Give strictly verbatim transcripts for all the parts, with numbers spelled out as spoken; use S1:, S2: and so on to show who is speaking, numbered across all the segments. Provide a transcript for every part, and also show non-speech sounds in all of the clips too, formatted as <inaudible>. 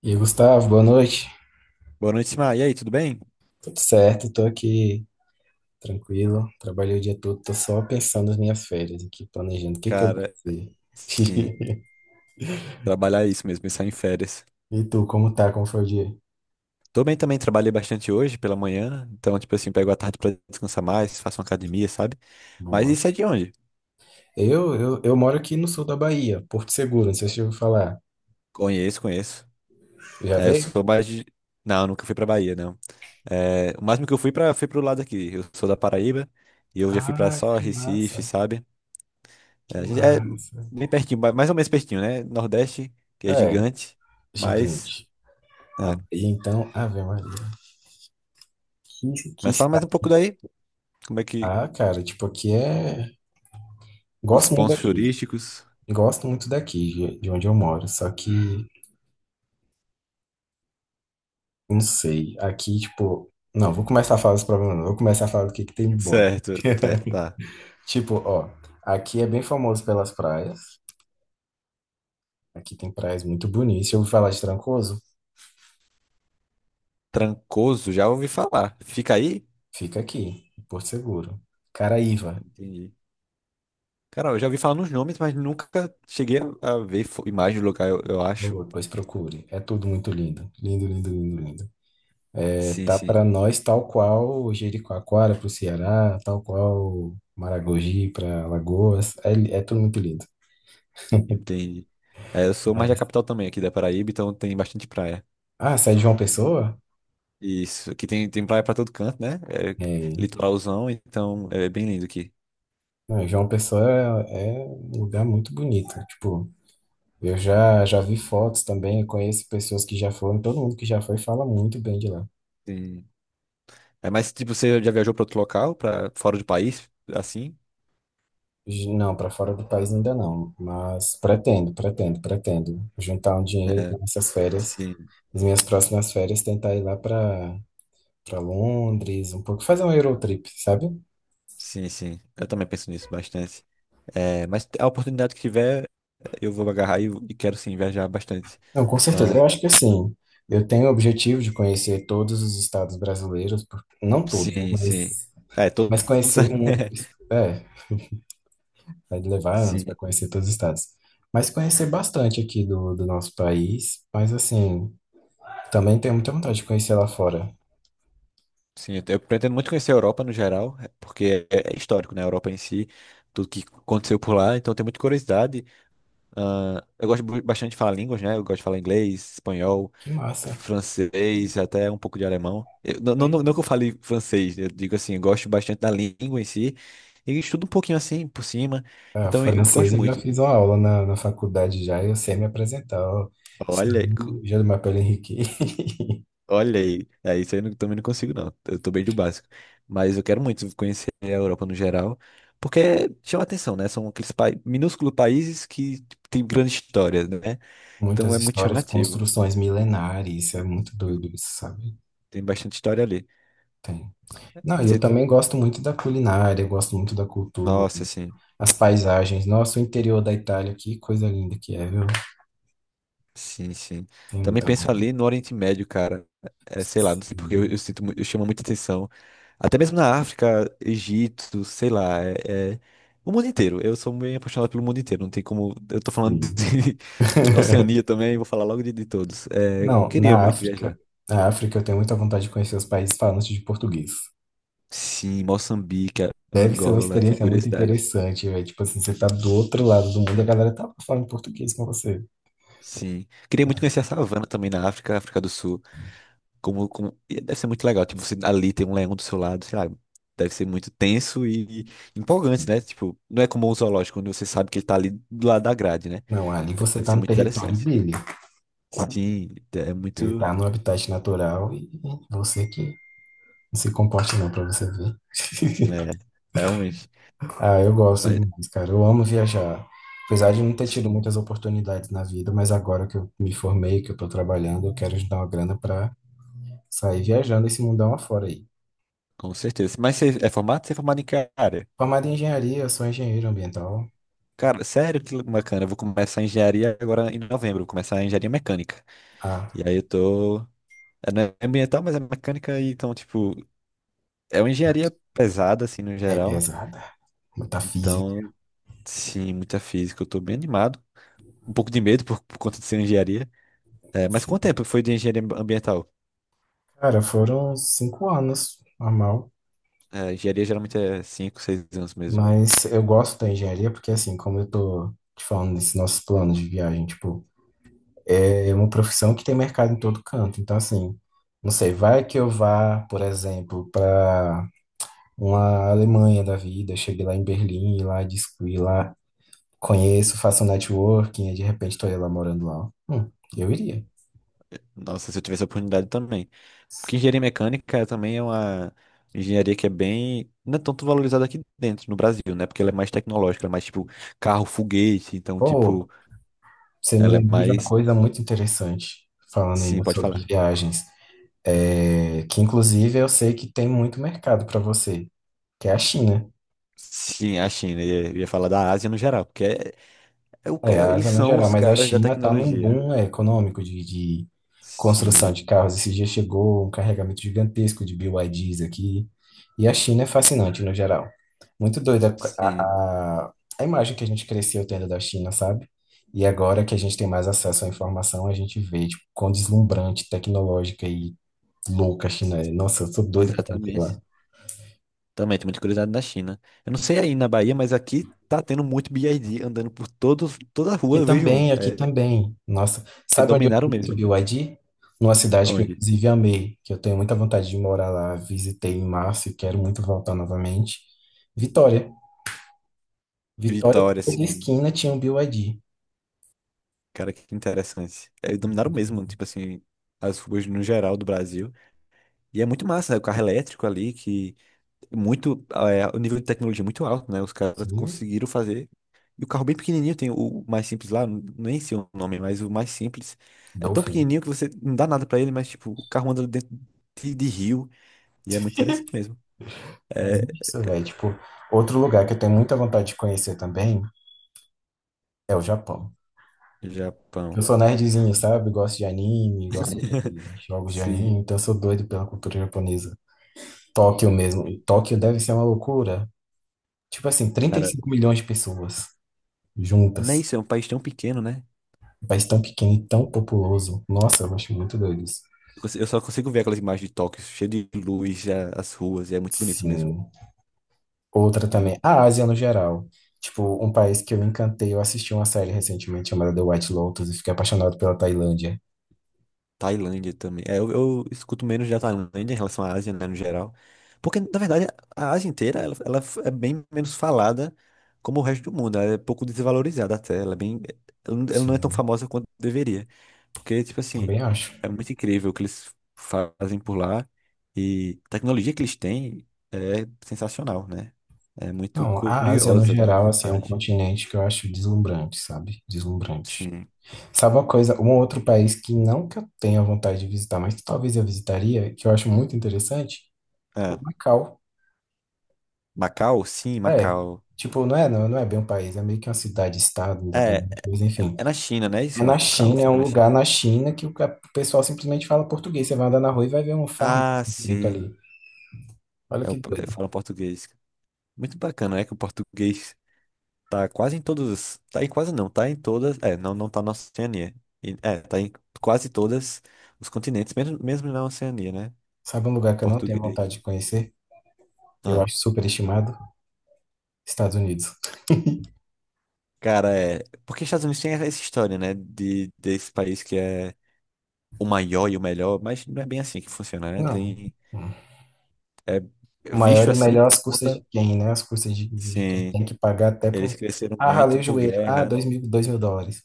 S1: E aí, Gustavo, boa noite.
S2: Boa noite, Simar. E aí, tudo bem?
S1: Tudo certo, tô aqui tranquilo. Trabalhei o dia todo, tô só pensando nas minhas férias aqui, planejando o que que eu vou
S2: Cara,
S1: fazer.
S2: sim,
S1: <laughs>
S2: trabalhar é isso mesmo, pensar em férias.
S1: E tu, como tá? Como foi o dia?
S2: Tô bem também, trabalhei bastante hoje pela manhã, então, tipo assim, pego a tarde pra descansar mais, faço uma academia, sabe? Mas
S1: Boa.
S2: isso é de onde?
S1: Eu, eu, eu moro aqui no sul da Bahia, Porto Seguro, não sei se eu ouviu falar.
S2: Conheço, conheço.
S1: Já
S2: É, eu
S1: veio?
S2: sou mais de. Não, nunca fui pra Bahia, não. É, o máximo que eu fui pra, foi pro lado aqui. Eu sou da Paraíba e eu já fui pra
S1: Ah,
S2: só
S1: que
S2: Recife,
S1: massa,
S2: sabe? É,
S1: que
S2: a gente- é
S1: massa.
S2: bem pertinho, ba- mais ou menos pertinho, né? Nordeste, que é
S1: É,
S2: gigante, mas,
S1: gigante. A
S2: é.
S1: Bahia, então, Ave Maria. Que, que
S2: Mas fala
S1: está.
S2: mais um pouco daí, como é que.
S1: Ah, cara, tipo, aqui é.
S2: Os
S1: Gosto muito
S2: pontos
S1: daqui.
S2: turísticos.
S1: Gosto muito daqui, de de onde eu moro. Só que. Não sei. Aqui, tipo. Não, vou começar a falar dos problemas, não. Vou começar a falar do que que tem de bom aqui.
S2: Certo, tá, tá.
S1: Tipo, ó. Aqui é bem famoso pelas praias. Aqui tem praias muito bonitas. Se eu ouvi falar de Trancoso,
S2: Trancoso, já ouvi falar. Fica aí?
S1: fica aqui, em Porto Seguro. Caraíva,
S2: Entendi. Cara, eu já ouvi falar nos nomes, mas nunca cheguei a a ver fo- imagem do lugar, eu, eu
S1: por
S2: acho.
S1: favor, depois procure. É tudo muito lindo. Lindo, lindo, lindo, lindo. É,
S2: Sim,
S1: tá
S2: sim,
S1: pra nós tal qual Jericoacoara pro Ceará, tal qual Maragogi pra Alagoas. É, é tudo muito lindo.
S2: entendi. É, eu sou mais da
S1: Mas.
S2: capital também, aqui da Paraíba, então tem bastante praia.
S1: Ah, sai de João Pessoa?
S2: Isso, aqui tem, tem praia pra todo canto, né? É
S1: É.
S2: litoralzão, então é bem lindo aqui.
S1: Não, João Pessoa é, é um lugar muito bonito. Tipo, eu já, já vi fotos também, conheço pessoas que já foram, todo mundo que já foi fala muito bem de lá.
S2: Sim. É, mas, tipo, você já viajou pra outro local, pra fora do país, assim?
S1: J- Não, para fora do país ainda não, mas pretendo, pretendo, pretendo juntar um dinheiro
S2: É,
S1: para essas férias,
S2: sim.
S1: as minhas próximas férias, tentar ir lá para para Londres, um pouco, fazer um Eurotrip, sabe?
S2: Sim, sim. Eu também penso nisso bastante. É, mas a oportunidade que tiver, eu vou agarrar e, e quero sim viajar bastante.
S1: Não, com certeza.
S2: Ah,
S1: Eu acho que assim, eu tenho o objetivo de conhecer todos os estados brasileiros, por- não todos, né?
S2: sim,
S1: Mas,
S2: sim. É, todo
S1: mas
S2: todo
S1: conhecer
S2: sabe.
S1: um.
S2: <laughs>
S1: É. Vai levar anos para
S2: Sim,
S1: conhecer todos os estados. Mas conhecer bastante aqui do, do nosso país. Mas assim, também tenho muita vontade de conhecer lá fora.
S2: sim. Eu, eu pretendo muito conhecer a Europa no geral, é, porque é, é histórico, né? A Europa em si, tudo que aconteceu por lá, então eu tenho muita curiosidade. Ah, eu gosto bu- bastante de falar línguas, né? Eu gosto de falar inglês, espanhol,
S1: Que massa.
S2: francês, até um pouco de alemão. Eu- não, não,
S1: Aí,
S2: não não que eu fale francês, eu digo assim, eu gosto bastante da língua em si e estudo um pouquinho assim por cima,
S1: a
S2: então eu
S1: francesa
S2: gosto
S1: eu já
S2: muito.
S1: fiz uma aula na, na faculdade já, eu sei me apresentar. Ó.
S2: Olha, aí, co-
S1: Salut, Je m'appelle Henrique. <laughs>
S2: olha aí, é, isso aí eu não- também não consigo não, eu tô bem do básico, mas eu quero muito conhecer a Europa no geral, porque chama atenção, né? São aqueles pa... minúsculos países que tipo, têm grande história, né? Então
S1: Muitas
S2: é muito
S1: histórias,
S2: chamativo.
S1: construções milenares, isso é
S2: Isso.
S1: muito doido, isso, sabe?
S2: Tem bastante história ali.
S1: Tem. Não, eu
S2: Você.
S1: também gosto muito da culinária, eu gosto muito da cultura,
S2: Nossa, assim.
S1: as paisagens. Nossa, o interior da Itália, que coisa linda que é, viu?
S2: Sim, sim.
S1: Tem
S2: Também
S1: muita
S2: penso ali no Oriente Médio, cara. É, sei lá, não sei porque eu, eu
S1: vontade.
S2: sinto, mu- eu chamo muita atenção. Até mesmo na África, Egito, sei lá, é, é- o mundo inteiro. Eu sou bem apaixonado pelo mundo inteiro. Não tem como. Eu tô falando
S1: Sim.
S2: de <laughs>
S1: <laughs>
S2: Oceania também, vou falar logo de, de todos. É,
S1: Não,
S2: queria
S1: na
S2: muito viajar.
S1: África, na África eu tenho muita vontade de conhecer os países falantes de português.
S2: Sim, Moçambique,
S1: Deve ser uma
S2: Angola, tenho
S1: experiência muito
S2: curiosidade.
S1: interessante, velho. Tipo assim, você tá do outro lado do mundo, a galera tá falando português com você.
S2: Sim. Queria muito conhecer a savana também na África, África do Sul. Como, como... e Deve ser muito legal. Tipo, você ali tem um leão do seu lado, sei lá, deve ser muito tenso e, e empolgante, né? Tipo, não é como um zoológico, onde você sabe que ele tá ali do lado da grade, né?
S1: Não, ali você
S2: Deve
S1: tá
S2: ser
S1: no
S2: muito
S1: território
S2: interessante.
S1: dele.
S2: Sim, é
S1: Ele
S2: muito.
S1: tá no habitat natural e você que não se comporta não pra você ver. <laughs>
S2: É, realmente.
S1: Ah, eu gosto
S2: Mas,
S1: demais, cara. Eu amo viajar. Apesar de não ter tido
S2: sim,
S1: muitas oportunidades na vida, mas agora que eu me formei, que eu tô trabalhando, eu quero juntar uma grana pra sair viajando esse mundão afora aí.
S2: com certeza. Mas você é formado? Você é formado em que área?
S1: Formado em engenharia, sou engenheiro ambiental.
S2: Cara, sério, que bacana. Eu vou começar a engenharia agora em novembro. Vou começar a engenharia mecânica.
S1: Ah,
S2: E aí eu tô. É, não é ambiental, mas é mecânica. E então, tipo, é uma engenharia pesada, assim, no
S1: é
S2: geral.
S1: pesada. Muita física.
S2: Então, sim, muita física. Eu tô bem animado. Um pouco de medo por, por conta de ser engenharia. É, mas quanto
S1: Sim.
S2: tempo foi de engenharia ambiental?
S1: Cara, foram cinco anos, normal.
S2: É, engenharia geralmente é cinco seis anos mesmo.
S1: Mas eu gosto da engenharia porque, assim, como eu tô te falando desses nossos planos de viagem, tipo, é uma profissão que tem mercado em todo canto. Então, assim, não sei, vai que eu vá, por exemplo, para uma Alemanha da vida, chegue lá em Berlim e lá discuti lá, conheço, faço um networking, e de repente estou ela morando lá. Hum, eu iria.
S2: Nossa, se eu tivesse a oportunidade também. Porque engenharia mecânica também é uma engenharia que é bem. Não é tanto valorizada aqui dentro, no Brasil, né? Porque ela é mais tecnológica, ela é mais tipo carro, foguete. Então, tipo,
S1: Ou você me
S2: ela é
S1: lembrou de uma
S2: mais.
S1: coisa muito interessante, falando
S2: Sim,
S1: ainda
S2: pode
S1: sobre
S2: falar.
S1: viagens, é, que inclusive eu sei que tem muito mercado para você, que é a China.
S2: Sim, a China. Eu ia eu ia falar da Ásia no geral, porque é- é o-
S1: É,
S2: é-
S1: a
S2: eles
S1: Ásia no
S2: são
S1: geral,
S2: os
S1: mas a
S2: caras da
S1: China está num
S2: tecnologia.
S1: boom é, econômico de, de construção de
S2: Sim.
S1: carros. Esse dia chegou um carregamento gigantesco de B Y Ds aqui. E a China é fascinante no geral. Muito doida a,
S2: Sim,
S1: a, a imagem que a gente cresceu tendo da China, sabe? E agora que a gente tem mais acesso à informação, a gente vê, tipo, quão deslumbrante, tecnológica e louca a China é. Nossa, eu sou doido pra conhecer lá.
S2: exatamente. Também tem muita curiosidade da China. Eu não sei aí na Bahia, mas aqui tá tendo muito B Y D andando por todo, toda a rua,
S1: Aqui
S2: eu vejo um.
S1: também, aqui
S2: É,
S1: também. Nossa,
S2: é,
S1: sabe onde eu
S2: dominaram
S1: fui muito B
S2: mesmo.
S1: Y D Numa cidade que eu,
S2: Onde?
S1: inclusive, amei, que eu tenho muita vontade de morar lá. Visitei em março e quero muito voltar novamente. Vitória. Vitória,
S2: Vitória,
S1: toda
S2: assim.
S1: esquina tinha um B Y D.
S2: Cara, que interessante. É, dominaram mesmo, tipo assim, as ruas no geral do Brasil. E é muito massa, né? O carro elétrico ali, que muito, é, o nível de tecnologia é muito alto, né? Os caras
S1: Sim,
S2: conseguiram fazer. E o carro bem pequenininho, tem o mais simples lá, n- nem sei o nome, mas o mais simples é tão
S1: Dolphin.
S2: pequenininho que você não dá nada pra ele, mas tipo, o carro anda dentro de, de rio e é muito interessante mesmo.
S1: Mas
S2: É,
S1: isso, velho. Tipo, outro lugar que eu tenho muita vontade de conhecer também é o Japão.
S2: Japão.
S1: Eu sou nerdzinho, sabe? Gosto de anime, gosto
S2: <laughs>
S1: de jogos de
S2: Sim,
S1: anime, então eu sou doido pela cultura japonesa. Tóquio mesmo. E Tóquio deve ser uma loucura. Tipo assim, trinta e
S2: cara,
S1: cinco milhões de pessoas
S2: não é
S1: juntas.
S2: isso, é um país tão pequeno, né?
S1: Um país tão pequeno e tão populoso. Nossa, eu acho muito doido isso.
S2: Eu conse- eu só consigo ver aquelas imagens de Tóquio, cheio de luz, a- as ruas, e é muito bonito mesmo.
S1: Sim. Outra
S2: Né?
S1: também, a Ásia no geral. Tipo, um país que eu me encantei, eu assisti uma série recentemente chamada The White Lotus e fiquei apaixonado pela Tailândia.
S2: Tailândia também. É, eu, eu escuto menos da Tailândia em relação à Ásia, né, no geral. Porque, na verdade, a Ásia inteira, ela, ela é bem menos falada como o resto do mundo. Ela é pouco desvalorizada até. Ela é bem, ela não ela não é tão
S1: Sim,
S2: famosa quanto deveria. Porque, tipo assim,
S1: também acho.
S2: é muito incrível o que eles fazem por lá. E a tecnologia que eles têm é sensacional, né? É muito
S1: Não, a Ásia no
S2: curiosa, dá
S1: geral, assim, é um
S2: vontade.
S1: continente que eu acho deslumbrante, sabe? Deslumbrante.
S2: Sim.
S1: Sabe uma coisa, um outro país que não que eu tenha vontade de visitar, mas que talvez eu visitaria, que eu acho muito interessante, o
S2: É.
S1: Macau.
S2: Macau? Sim,
S1: É,
S2: Macau.
S1: tipo, não é, não, não é bem um país, é meio que uma cidade-estado
S2: É,
S1: independente,
S2: é
S1: mas enfim.
S2: é na China, né?
S1: É
S2: Isso,
S1: na
S2: Macau
S1: China, é um
S2: fica na China.
S1: lugar na China que o ca- o pessoal simplesmente fala português. Você vai andar na rua e vai ver um farmácia
S2: Ah,
S1: escrito
S2: sim.
S1: ali. Olha que
S2: Eu, eu
S1: doido.
S2: falo português. Muito bacana, é que o português tá quase em todas. Tá em quase não, tá em todas. É, não, não tá na Oceania. E- É, tá em quase todas os continentes, mesmo, mesmo na Oceania, né?
S1: Sabe um lugar que eu não tenho vontade de
S2: Português.
S1: conhecer? Eu
S2: Ah,
S1: acho superestimado. Estados Unidos.
S2: cara, é. Porque Estados Unidos tem essa história, né? De, desse país que é o maior e o melhor, mas não é bem assim que funciona, né?
S1: Não.
S2: Tem. É
S1: O maior
S2: visto
S1: e o
S2: assim
S1: melhor
S2: por
S1: às custas
S2: conta.
S1: de quem, né? Às custas de, de quem
S2: Sim.
S1: tem que pagar até
S2: Eles
S1: pro.
S2: cresceram
S1: Ah,
S2: muito
S1: ralei o
S2: por
S1: joelho. Ah,
S2: guerra.
S1: dois mil, dois mil dólares.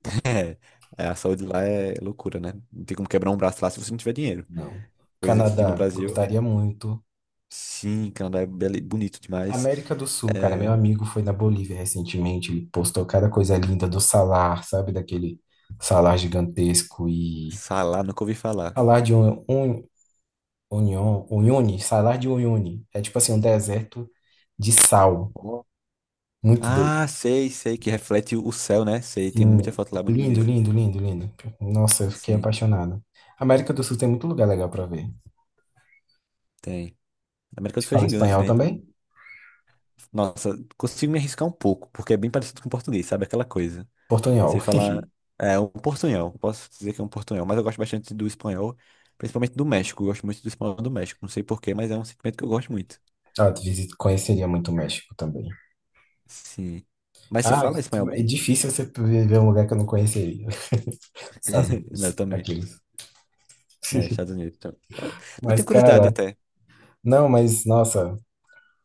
S2: <laughs> É, a saúde lá é loucura, né? Não tem como quebrar um braço lá se você não tiver dinheiro.
S1: Não.
S2: Coisa que aqui no
S1: Canadá,
S2: Brasil,
S1: gostaria muito.
S2: sim, Canadá é beli- bonito demais.
S1: América do Sul, cara, meu
S2: É,
S1: amigo foi na Bolívia recentemente, ele postou cada coisa linda do salar, sabe? Daquele salar gigantesco e...
S2: Salá, nunca ouvi falar.
S1: Salar de un... un- União, Uyuni, salar de Uyuni. É tipo assim, um deserto de sal.
S2: Ó.
S1: Muito
S2: Ah,
S1: doido.
S2: sei, sei, que reflete o céu, né? Sei, tem muita
S1: Sim.
S2: foto lá muito
S1: Lindo,
S2: bonita.
S1: lindo, lindo, lindo. Nossa, eu fiquei
S2: Sim,
S1: apaixonado. América do Sul tem muito lugar legal para ver.
S2: tem. A América do
S1: Você
S2: Sul é
S1: fala
S2: gigante,
S1: espanhol
S2: né? Então,
S1: também?
S2: nossa, consigo me arriscar um pouco, porque é bem parecido com o português, sabe? Aquela coisa.
S1: Portunhol.
S2: Sei
S1: <laughs>
S2: falar. É um portunhol. Posso dizer que é um portunhol. Mas eu gosto bastante do espanhol, principalmente do México. Eu gosto muito do espanhol do México. Não sei porquê, mas é um sentimento que eu gosto muito.
S1: Ah, tu visita- conheceria muito o México também.
S2: Sim. Mas você
S1: Ah,
S2: fala espanhol
S1: é
S2: bem?
S1: difícil você ver um lugar que eu não conheceria. <laughs> Estados
S2: <laughs> Não, eu
S1: Unidos,
S2: também.
S1: aqueles.
S2: Né,
S1: <laughs>
S2: Estados Unidos. Então. Eu eu
S1: Mas,
S2: tenho curiosidade
S1: cara,
S2: até.
S1: não, mas, nossa,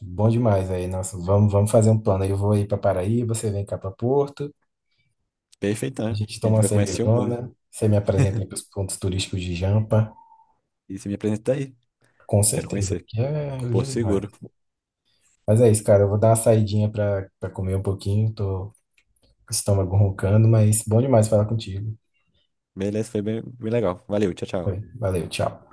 S1: bom demais aí. Nossa, vamos, vamos fazer um plano. Eu vou aí para Paraíba, você vem cá para Porto,
S2: Perfeito,
S1: a
S2: né?
S1: gente
S2: A
S1: toma
S2: gente
S1: uma
S2: vai conhecer o mundo.
S1: cervejona, você me apresenta aí para os pontos turísticos de Jampa.
S2: E você me apresenta aí.
S1: Com
S2: Quero
S1: certeza,
S2: conhecer.
S1: aqui é
S2: Porto
S1: lindo demais.
S2: Seguro.
S1: Mas é isso, cara. Eu vou dar uma saidinha pra, pra comer um pouquinho. Tô com o estômago roncando, mas bom demais falar contigo.
S2: Beleza, foi bem, bem legal. Valeu, tchau, tchau.
S1: Foi, valeu, tchau.